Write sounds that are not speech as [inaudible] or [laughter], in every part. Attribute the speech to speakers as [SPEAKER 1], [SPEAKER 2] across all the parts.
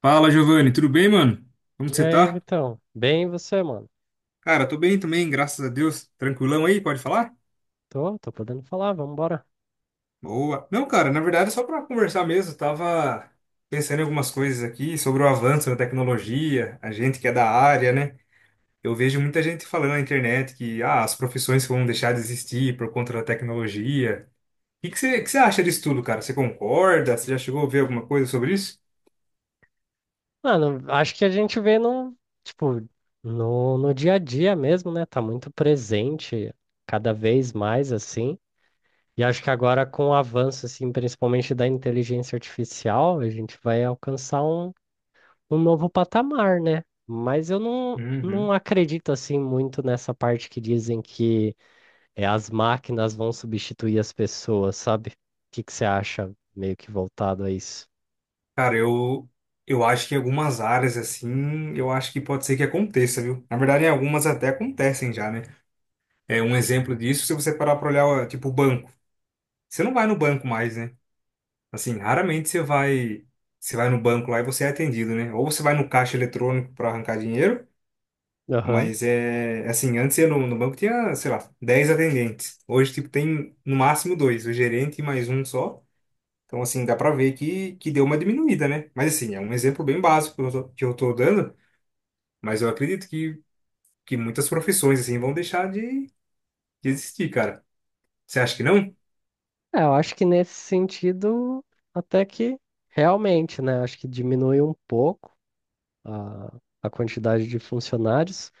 [SPEAKER 1] Fala, Giovanni, tudo bem, mano? Como que
[SPEAKER 2] E
[SPEAKER 1] você
[SPEAKER 2] aí,
[SPEAKER 1] tá?
[SPEAKER 2] Vitão? Bem, e você, mano?
[SPEAKER 1] Cara, tô bem também, graças a Deus. Tranquilão aí, pode falar?
[SPEAKER 2] Tô podendo falar, vambora.
[SPEAKER 1] Boa. Não, cara, na verdade é só pra conversar mesmo. Tava pensando em algumas coisas aqui sobre o avanço da tecnologia, a gente que é da área, né? Eu vejo muita gente falando na internet que as profissões vão deixar de existir por conta da tecnologia. O que que você acha disso tudo, cara? Você concorda? Você já chegou a ver alguma coisa sobre isso?
[SPEAKER 2] Mano, acho que a gente vê tipo, no dia a dia mesmo, né? Tá muito presente, cada vez mais assim. E acho que agora com o avanço, assim, principalmente da inteligência artificial, a gente vai alcançar um novo patamar, né? Mas eu não
[SPEAKER 1] Uhum.
[SPEAKER 2] acredito, assim, muito nessa parte que dizem que as máquinas vão substituir as pessoas, sabe? O que que você acha meio que voltado a isso?
[SPEAKER 1] Cara, eu acho que em algumas áreas, assim, eu acho que pode ser que aconteça, viu? Na verdade, em algumas até acontecem já, né? É um exemplo disso, se você parar pra olhar, ó, tipo, o banco. Você não vai no banco mais, né? Assim, raramente você vai no banco lá e você é atendido, né? Ou você vai no caixa eletrônico pra arrancar dinheiro,
[SPEAKER 2] Aham.
[SPEAKER 1] mas é, assim, antes eu no banco tinha, sei lá, 10 atendentes. Hoje, tipo, tem no máximo dois, o gerente e mais um só. Então, assim, dá pra ver que deu uma diminuída, né? Mas, assim, é um exemplo bem básico que eu tô dando, mas eu acredito que muitas profissões, assim, vão deixar de existir, cara. Você acha que não?
[SPEAKER 2] É, eu acho que nesse sentido, até que realmente, né? Acho que diminui um pouco a, a quantidade de funcionários,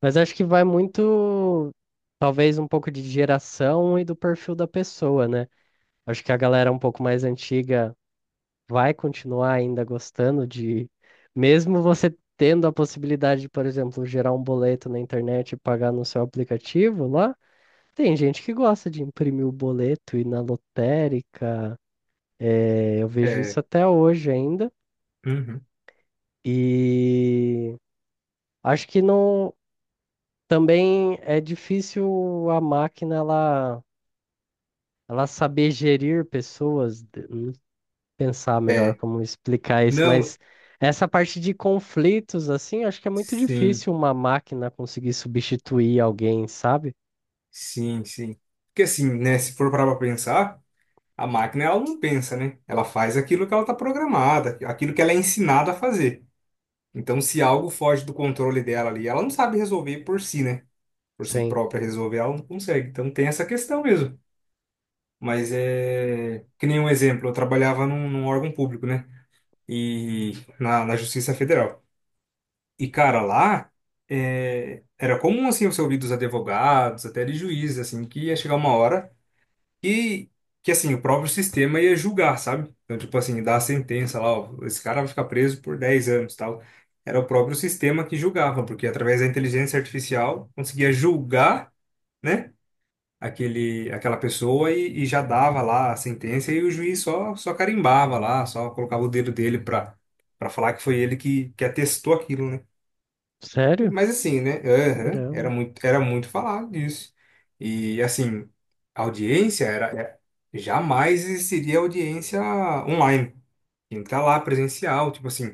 [SPEAKER 2] mas acho que vai muito, talvez, um pouco de geração e do perfil da pessoa, né? Acho que a galera um pouco mais antiga vai continuar ainda gostando de, mesmo você tendo a possibilidade de, por exemplo, gerar um boleto na internet e pagar no seu aplicativo lá, tem gente que gosta de imprimir o boleto e ir na lotérica. É, eu vejo isso
[SPEAKER 1] É.
[SPEAKER 2] até hoje ainda.
[SPEAKER 1] Uhum.
[SPEAKER 2] E acho que não também é difícil a máquina ela saber gerir pessoas. Pensar melhor
[SPEAKER 1] É.
[SPEAKER 2] como explicar isso,
[SPEAKER 1] Não,
[SPEAKER 2] mas essa parte de conflitos, assim, acho que é muito
[SPEAKER 1] sim,
[SPEAKER 2] difícil uma máquina conseguir substituir alguém, sabe?
[SPEAKER 1] sim, sim. Porque, assim, né, se for parar pra pensar, a máquina, ela não pensa, né? Ela faz aquilo que ela tá programada, aquilo que ela é ensinada a fazer. Então, se algo foge do controle dela ali, ela não sabe resolver por si, né? Por si
[SPEAKER 2] Sim.
[SPEAKER 1] própria resolver, ela não consegue. Então, tem essa questão mesmo. Mas é. Que nem um exemplo, eu trabalhava num órgão público, né? E na Justiça Federal. E, cara, lá é, era comum, assim, você ouvir dos advogados, até de juízes, assim, que ia chegar uma hora e que, assim, o próprio sistema ia julgar, sabe? Então, tipo assim, dar a sentença lá, ó, esse cara vai ficar preso por 10 anos, tal. Era o próprio sistema que julgava, porque através da inteligência artificial conseguia julgar, né? aquele, aquela pessoa e já dava lá a sentença e o juiz só carimbava lá, só colocava o dedo dele para falar que foi ele que atestou aquilo, né?
[SPEAKER 2] Sério?
[SPEAKER 1] Mas assim, né? aham,
[SPEAKER 2] Caramba.
[SPEAKER 1] era muito falado disso. E assim, a audiência era, era- jamais existiria audiência online. Tinha que estar lá presencial, tipo assim.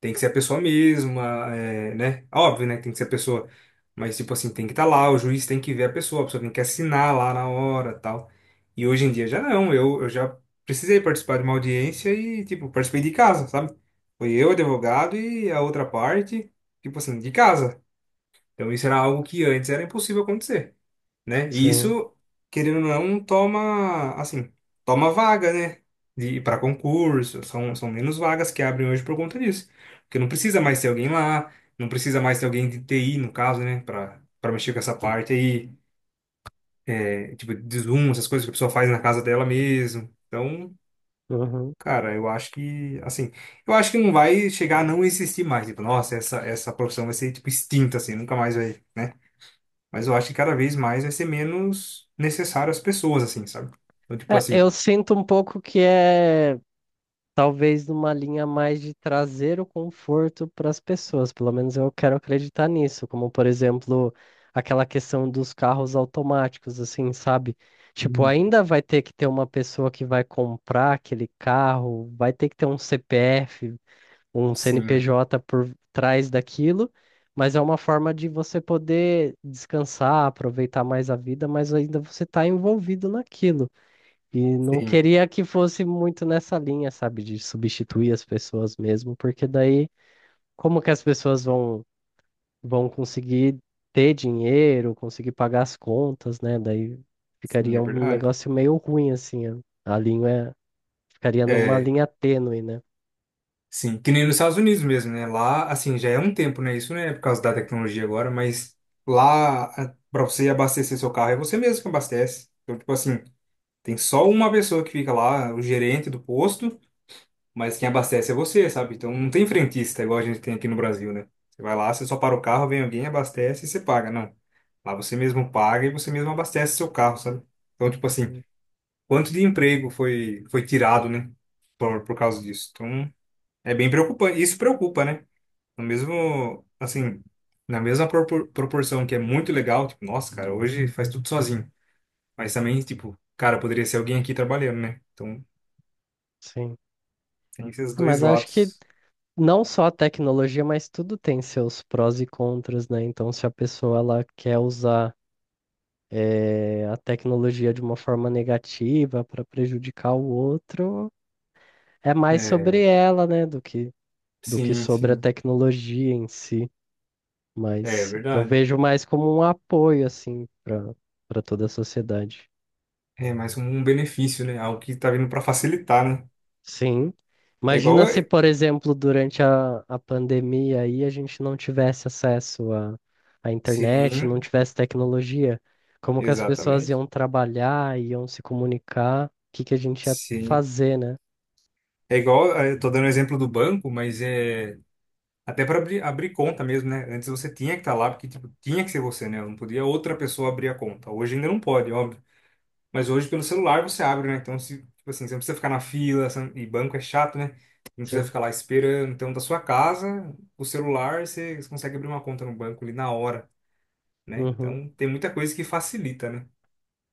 [SPEAKER 1] Tem que ser a pessoa mesma, é, né? Óbvio, né? que Tem que ser a pessoa. Mas, tipo assim, tem que estar lá, o juiz tem que ver a pessoa tem que assinar lá na hora tal. E hoje em dia já não, eu já precisei participar de uma audiência e, tipo, participei de casa, sabe? Foi eu, advogado e a outra parte, tipo assim, de casa. Então isso era algo que antes era impossível acontecer né? E
[SPEAKER 2] Sim.
[SPEAKER 1] isso, querendo ou não, é um toma, assim, toma vaga, né? De para concurso, são menos vagas que abrem hoje por conta disso. Porque não precisa mais ter alguém lá, não precisa mais ter alguém de TI, no caso, né? Para mexer com essa parte aí, é, tipo, de Zoom, essas coisas que a pessoa faz na casa dela mesmo. Então,
[SPEAKER 2] Uhum.
[SPEAKER 1] cara, eu acho que, assim, eu acho que não vai chegar a não existir mais. Tipo, nossa, essa profissão vai ser, tipo, extinta, assim, nunca mais vai, né? Mas eu acho que cada vez mais vai ser menos necessário às pessoas, assim, sabe? Então, tipo
[SPEAKER 2] É,
[SPEAKER 1] assim.
[SPEAKER 2] eu sinto um pouco que é talvez numa linha mais de trazer o conforto para as pessoas, pelo menos eu quero acreditar nisso, como por exemplo, aquela questão dos carros automáticos, assim, sabe? Tipo,
[SPEAKER 1] Sim,
[SPEAKER 2] ainda vai ter que ter uma pessoa que vai comprar aquele carro, vai ter que ter um CPF, um
[SPEAKER 1] sim,
[SPEAKER 2] CNPJ por trás daquilo, mas é uma forma de você poder descansar, aproveitar mais a vida, mas ainda você está envolvido naquilo. E não
[SPEAKER 1] sim,
[SPEAKER 2] queria que fosse muito nessa linha, sabe, de substituir as pessoas mesmo, porque daí como que as pessoas vão conseguir ter dinheiro, conseguir pagar as contas, né? Daí
[SPEAKER 1] sim,
[SPEAKER 2] ficaria
[SPEAKER 1] é
[SPEAKER 2] um
[SPEAKER 1] verdade.
[SPEAKER 2] negócio meio ruim assim, a linha ficaria numa
[SPEAKER 1] É,
[SPEAKER 2] linha tênue, né?
[SPEAKER 1] sim. Que nem nos Estados Unidos mesmo, né? Lá, assim, já é um tempo, né? Isso não é por causa da tecnologia agora, mas lá, pra você abastecer seu carro, é você mesmo que abastece. Então, tipo assim, tem só uma pessoa que fica lá, o gerente do posto. Mas quem abastece é você, sabe? Então não tem frentista igual a gente tem aqui no Brasil, né? Você vai lá, você só para o carro, vem alguém, abastece e você paga. Não. Lá você mesmo paga e você mesmo abastece seu carro, sabe? Então, tipo assim,
[SPEAKER 2] Hum.
[SPEAKER 1] quanto de emprego foi tirado, né? Por causa disso. Então, é bem preocupante. Isso preocupa, né? No mesmo, assim, na mesma proporção que é muito legal, tipo, nossa, cara, hoje faz tudo sozinho. Mas também, tipo, cara, poderia ser alguém aqui trabalhando, né? Então,
[SPEAKER 2] Sim.
[SPEAKER 1] tem esses
[SPEAKER 2] Ah,
[SPEAKER 1] dois
[SPEAKER 2] mas acho que
[SPEAKER 1] lados.
[SPEAKER 2] não só a tecnologia, mas tudo tem seus prós e contras, né? Então, se a pessoa ela quer usar a tecnologia de uma forma negativa para prejudicar o outro, é mais sobre
[SPEAKER 1] É,
[SPEAKER 2] ela, né, do que
[SPEAKER 1] sim,
[SPEAKER 2] sobre a
[SPEAKER 1] sim.
[SPEAKER 2] tecnologia em si.
[SPEAKER 1] É
[SPEAKER 2] Mas eu
[SPEAKER 1] verdade.
[SPEAKER 2] vejo mais como um apoio, assim, para toda a sociedade.
[SPEAKER 1] É mais um benefício, né? Algo que tá vindo para facilitar, né?
[SPEAKER 2] Sim.
[SPEAKER 1] É igual.
[SPEAKER 2] Imagina se,
[SPEAKER 1] a-
[SPEAKER 2] por exemplo, durante a pandemia aí a gente não tivesse acesso à internet, não
[SPEAKER 1] Sim,
[SPEAKER 2] tivesse tecnologia. Como que as pessoas
[SPEAKER 1] exatamente.
[SPEAKER 2] iam trabalhar, iam se comunicar, o que que a gente ia
[SPEAKER 1] Sim.
[SPEAKER 2] fazer, né?
[SPEAKER 1] É igual. Eu tô dando o exemplo do banco, mas é. Até para abrir conta mesmo, né? Antes você tinha que estar lá, porque tipo, tinha que ser você, né? Não podia outra pessoa abrir a conta. Hoje ainda não pode, óbvio. Mas hoje pelo celular você abre, né? Então, se, tipo assim, você não precisa ficar na fila, você não- e banco é chato, né? Não precisa
[SPEAKER 2] Sim,
[SPEAKER 1] ficar lá esperando. Então, da sua casa, o celular, você consegue abrir uma conta no banco ali na hora. Né?
[SPEAKER 2] uhum,
[SPEAKER 1] Então tem muita coisa que facilita, né?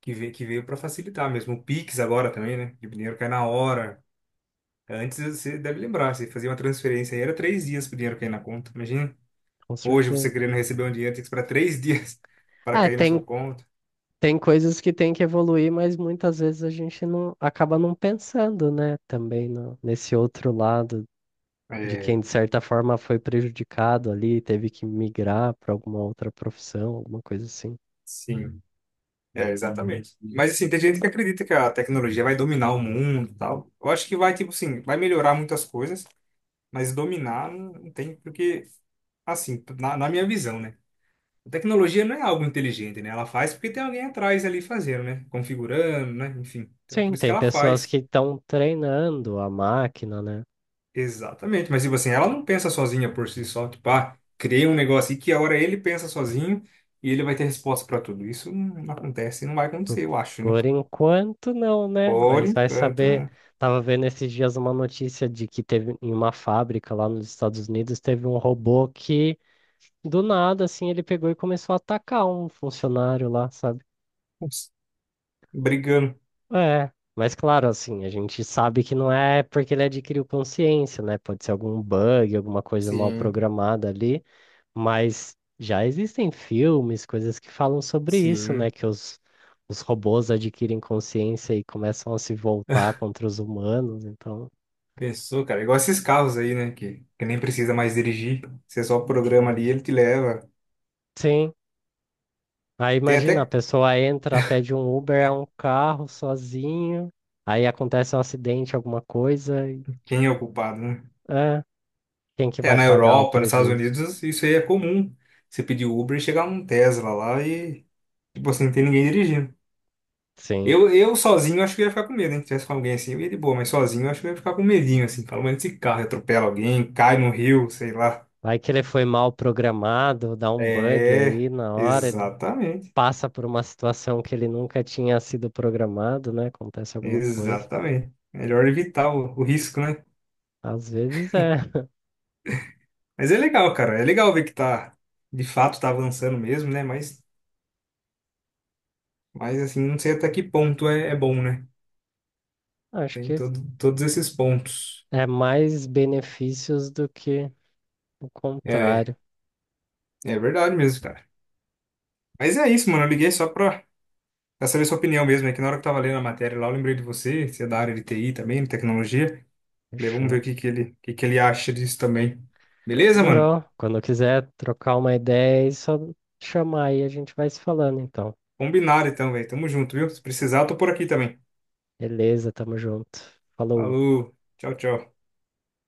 [SPEAKER 1] Que veio para facilitar mesmo. O Pix agora também, né? Que o dinheiro cai na hora. Antes você deve lembrar, você fazia uma transferência aí, era três dias para o dinheiro cair na conta. Imagina,
[SPEAKER 2] com
[SPEAKER 1] hoje você
[SPEAKER 2] certeza.
[SPEAKER 1] querendo receber um dinheiro, tem que esperar três dias [laughs] para
[SPEAKER 2] É,
[SPEAKER 1] cair na sua
[SPEAKER 2] tem,
[SPEAKER 1] conta.
[SPEAKER 2] tem coisas que tem que evoluir, mas muitas vezes a gente não acaba não pensando, né? Também no, nesse outro lado de quem,
[SPEAKER 1] É,
[SPEAKER 2] de certa forma, foi prejudicado ali, teve que migrar para alguma outra profissão, alguma coisa assim.
[SPEAKER 1] sim, é, exatamente. Mas assim, tem gente que acredita que a tecnologia vai dominar o mundo e tal. Eu acho que vai, tipo assim, vai melhorar muitas coisas, mas dominar não tem, porque, assim, na minha visão, né? A tecnologia não é algo inteligente, né? Ela faz porque tem alguém atrás ali fazendo, né? Configurando, né? Enfim. Então, por
[SPEAKER 2] Sim,
[SPEAKER 1] isso que
[SPEAKER 2] tem
[SPEAKER 1] ela
[SPEAKER 2] pessoas
[SPEAKER 1] faz.
[SPEAKER 2] que estão treinando a máquina, né?
[SPEAKER 1] Exatamente. Mas, tipo assim, ela não pensa sozinha por si só. Tipo, ah, criei um negócio e que a hora ele pensa sozinho e ele vai ter resposta para tudo. Isso não acontece, e não vai
[SPEAKER 2] Por
[SPEAKER 1] acontecer, eu acho, né?
[SPEAKER 2] por enquanto, não, né?
[SPEAKER 1] Por
[SPEAKER 2] Mas vai
[SPEAKER 1] enquanto,
[SPEAKER 2] saber.
[SPEAKER 1] né?
[SPEAKER 2] Tava vendo esses dias uma notícia de que teve em uma fábrica lá nos Estados Unidos, teve um robô que do nada, assim, ele pegou e começou a atacar um funcionário lá, sabe?
[SPEAKER 1] Ups, brigando.
[SPEAKER 2] É, mas claro, assim, a gente sabe que não é porque ele adquiriu consciência, né? Pode ser algum bug, alguma coisa mal
[SPEAKER 1] Sim,
[SPEAKER 2] programada ali, mas já existem filmes, coisas que falam sobre isso, né?
[SPEAKER 1] sim.
[SPEAKER 2] Que os robôs adquirem consciência e começam a se voltar
[SPEAKER 1] [laughs]
[SPEAKER 2] contra os humanos, então.
[SPEAKER 1] Pensou, cara? Igual esses carros aí, né? Que nem precisa mais dirigir. Você só programa ali, ele te leva.
[SPEAKER 2] Sim. Aí
[SPEAKER 1] Tem
[SPEAKER 2] imagina, a
[SPEAKER 1] até
[SPEAKER 2] pessoa entra, pede um Uber, é um carro sozinho. Aí acontece um acidente, alguma coisa.
[SPEAKER 1] quem é o culpado, né?
[SPEAKER 2] É, quem que
[SPEAKER 1] É,
[SPEAKER 2] vai
[SPEAKER 1] na
[SPEAKER 2] pagar o
[SPEAKER 1] Europa, nos Estados
[SPEAKER 2] prejuízo?
[SPEAKER 1] Unidos, isso aí é comum. Você pedir Uber e chegar um Tesla lá e, tipo assim, não tem ninguém dirigindo.
[SPEAKER 2] Sim.
[SPEAKER 1] Eu sozinho acho que ia ficar com medo, hein? Se tivesse com alguém assim, eu ia de boa, mas sozinho eu acho que eu ia ficar com medinho, assim. Fala, mas esse carro atropela alguém, cai no rio, sei lá.
[SPEAKER 2] Vai que ele foi mal programado, dá um bug
[SPEAKER 1] É,
[SPEAKER 2] aí na hora, ele
[SPEAKER 1] exatamente.
[SPEAKER 2] passa por uma situação que ele nunca tinha sido programado, né? Acontece alguma coisa.
[SPEAKER 1] Exatamente. Melhor evitar o risco, né?
[SPEAKER 2] Às vezes é,
[SPEAKER 1] Mas é legal, cara. É legal ver que tá, de fato, tá avançando mesmo, né? Mas assim, não sei até que ponto é, é bom, né?
[SPEAKER 2] [laughs] acho
[SPEAKER 1] Tem
[SPEAKER 2] que
[SPEAKER 1] todo, todos esses pontos.
[SPEAKER 2] é mais benefícios do que o
[SPEAKER 1] É,
[SPEAKER 2] contrário.
[SPEAKER 1] É verdade mesmo, cara. Mas é isso, mano. Eu liguei só pra saber sua opinião mesmo. É que na hora que eu tava lendo a matéria lá, eu lembrei de você. Você é da área de TI também, de tecnologia. Falei, vamos ver o
[SPEAKER 2] Fechou.
[SPEAKER 1] que que ele, o que que ele acha disso também. Beleza, mano?
[SPEAKER 2] Demorou. Quando quiser trocar uma ideia, é só chamar aí, a gente vai se falando então.
[SPEAKER 1] Combinado então, velho. Tamo junto, viu? Se precisar, eu tô por aqui também.
[SPEAKER 2] Beleza, tamo junto. Falou.
[SPEAKER 1] Falou. Tchau, tchau.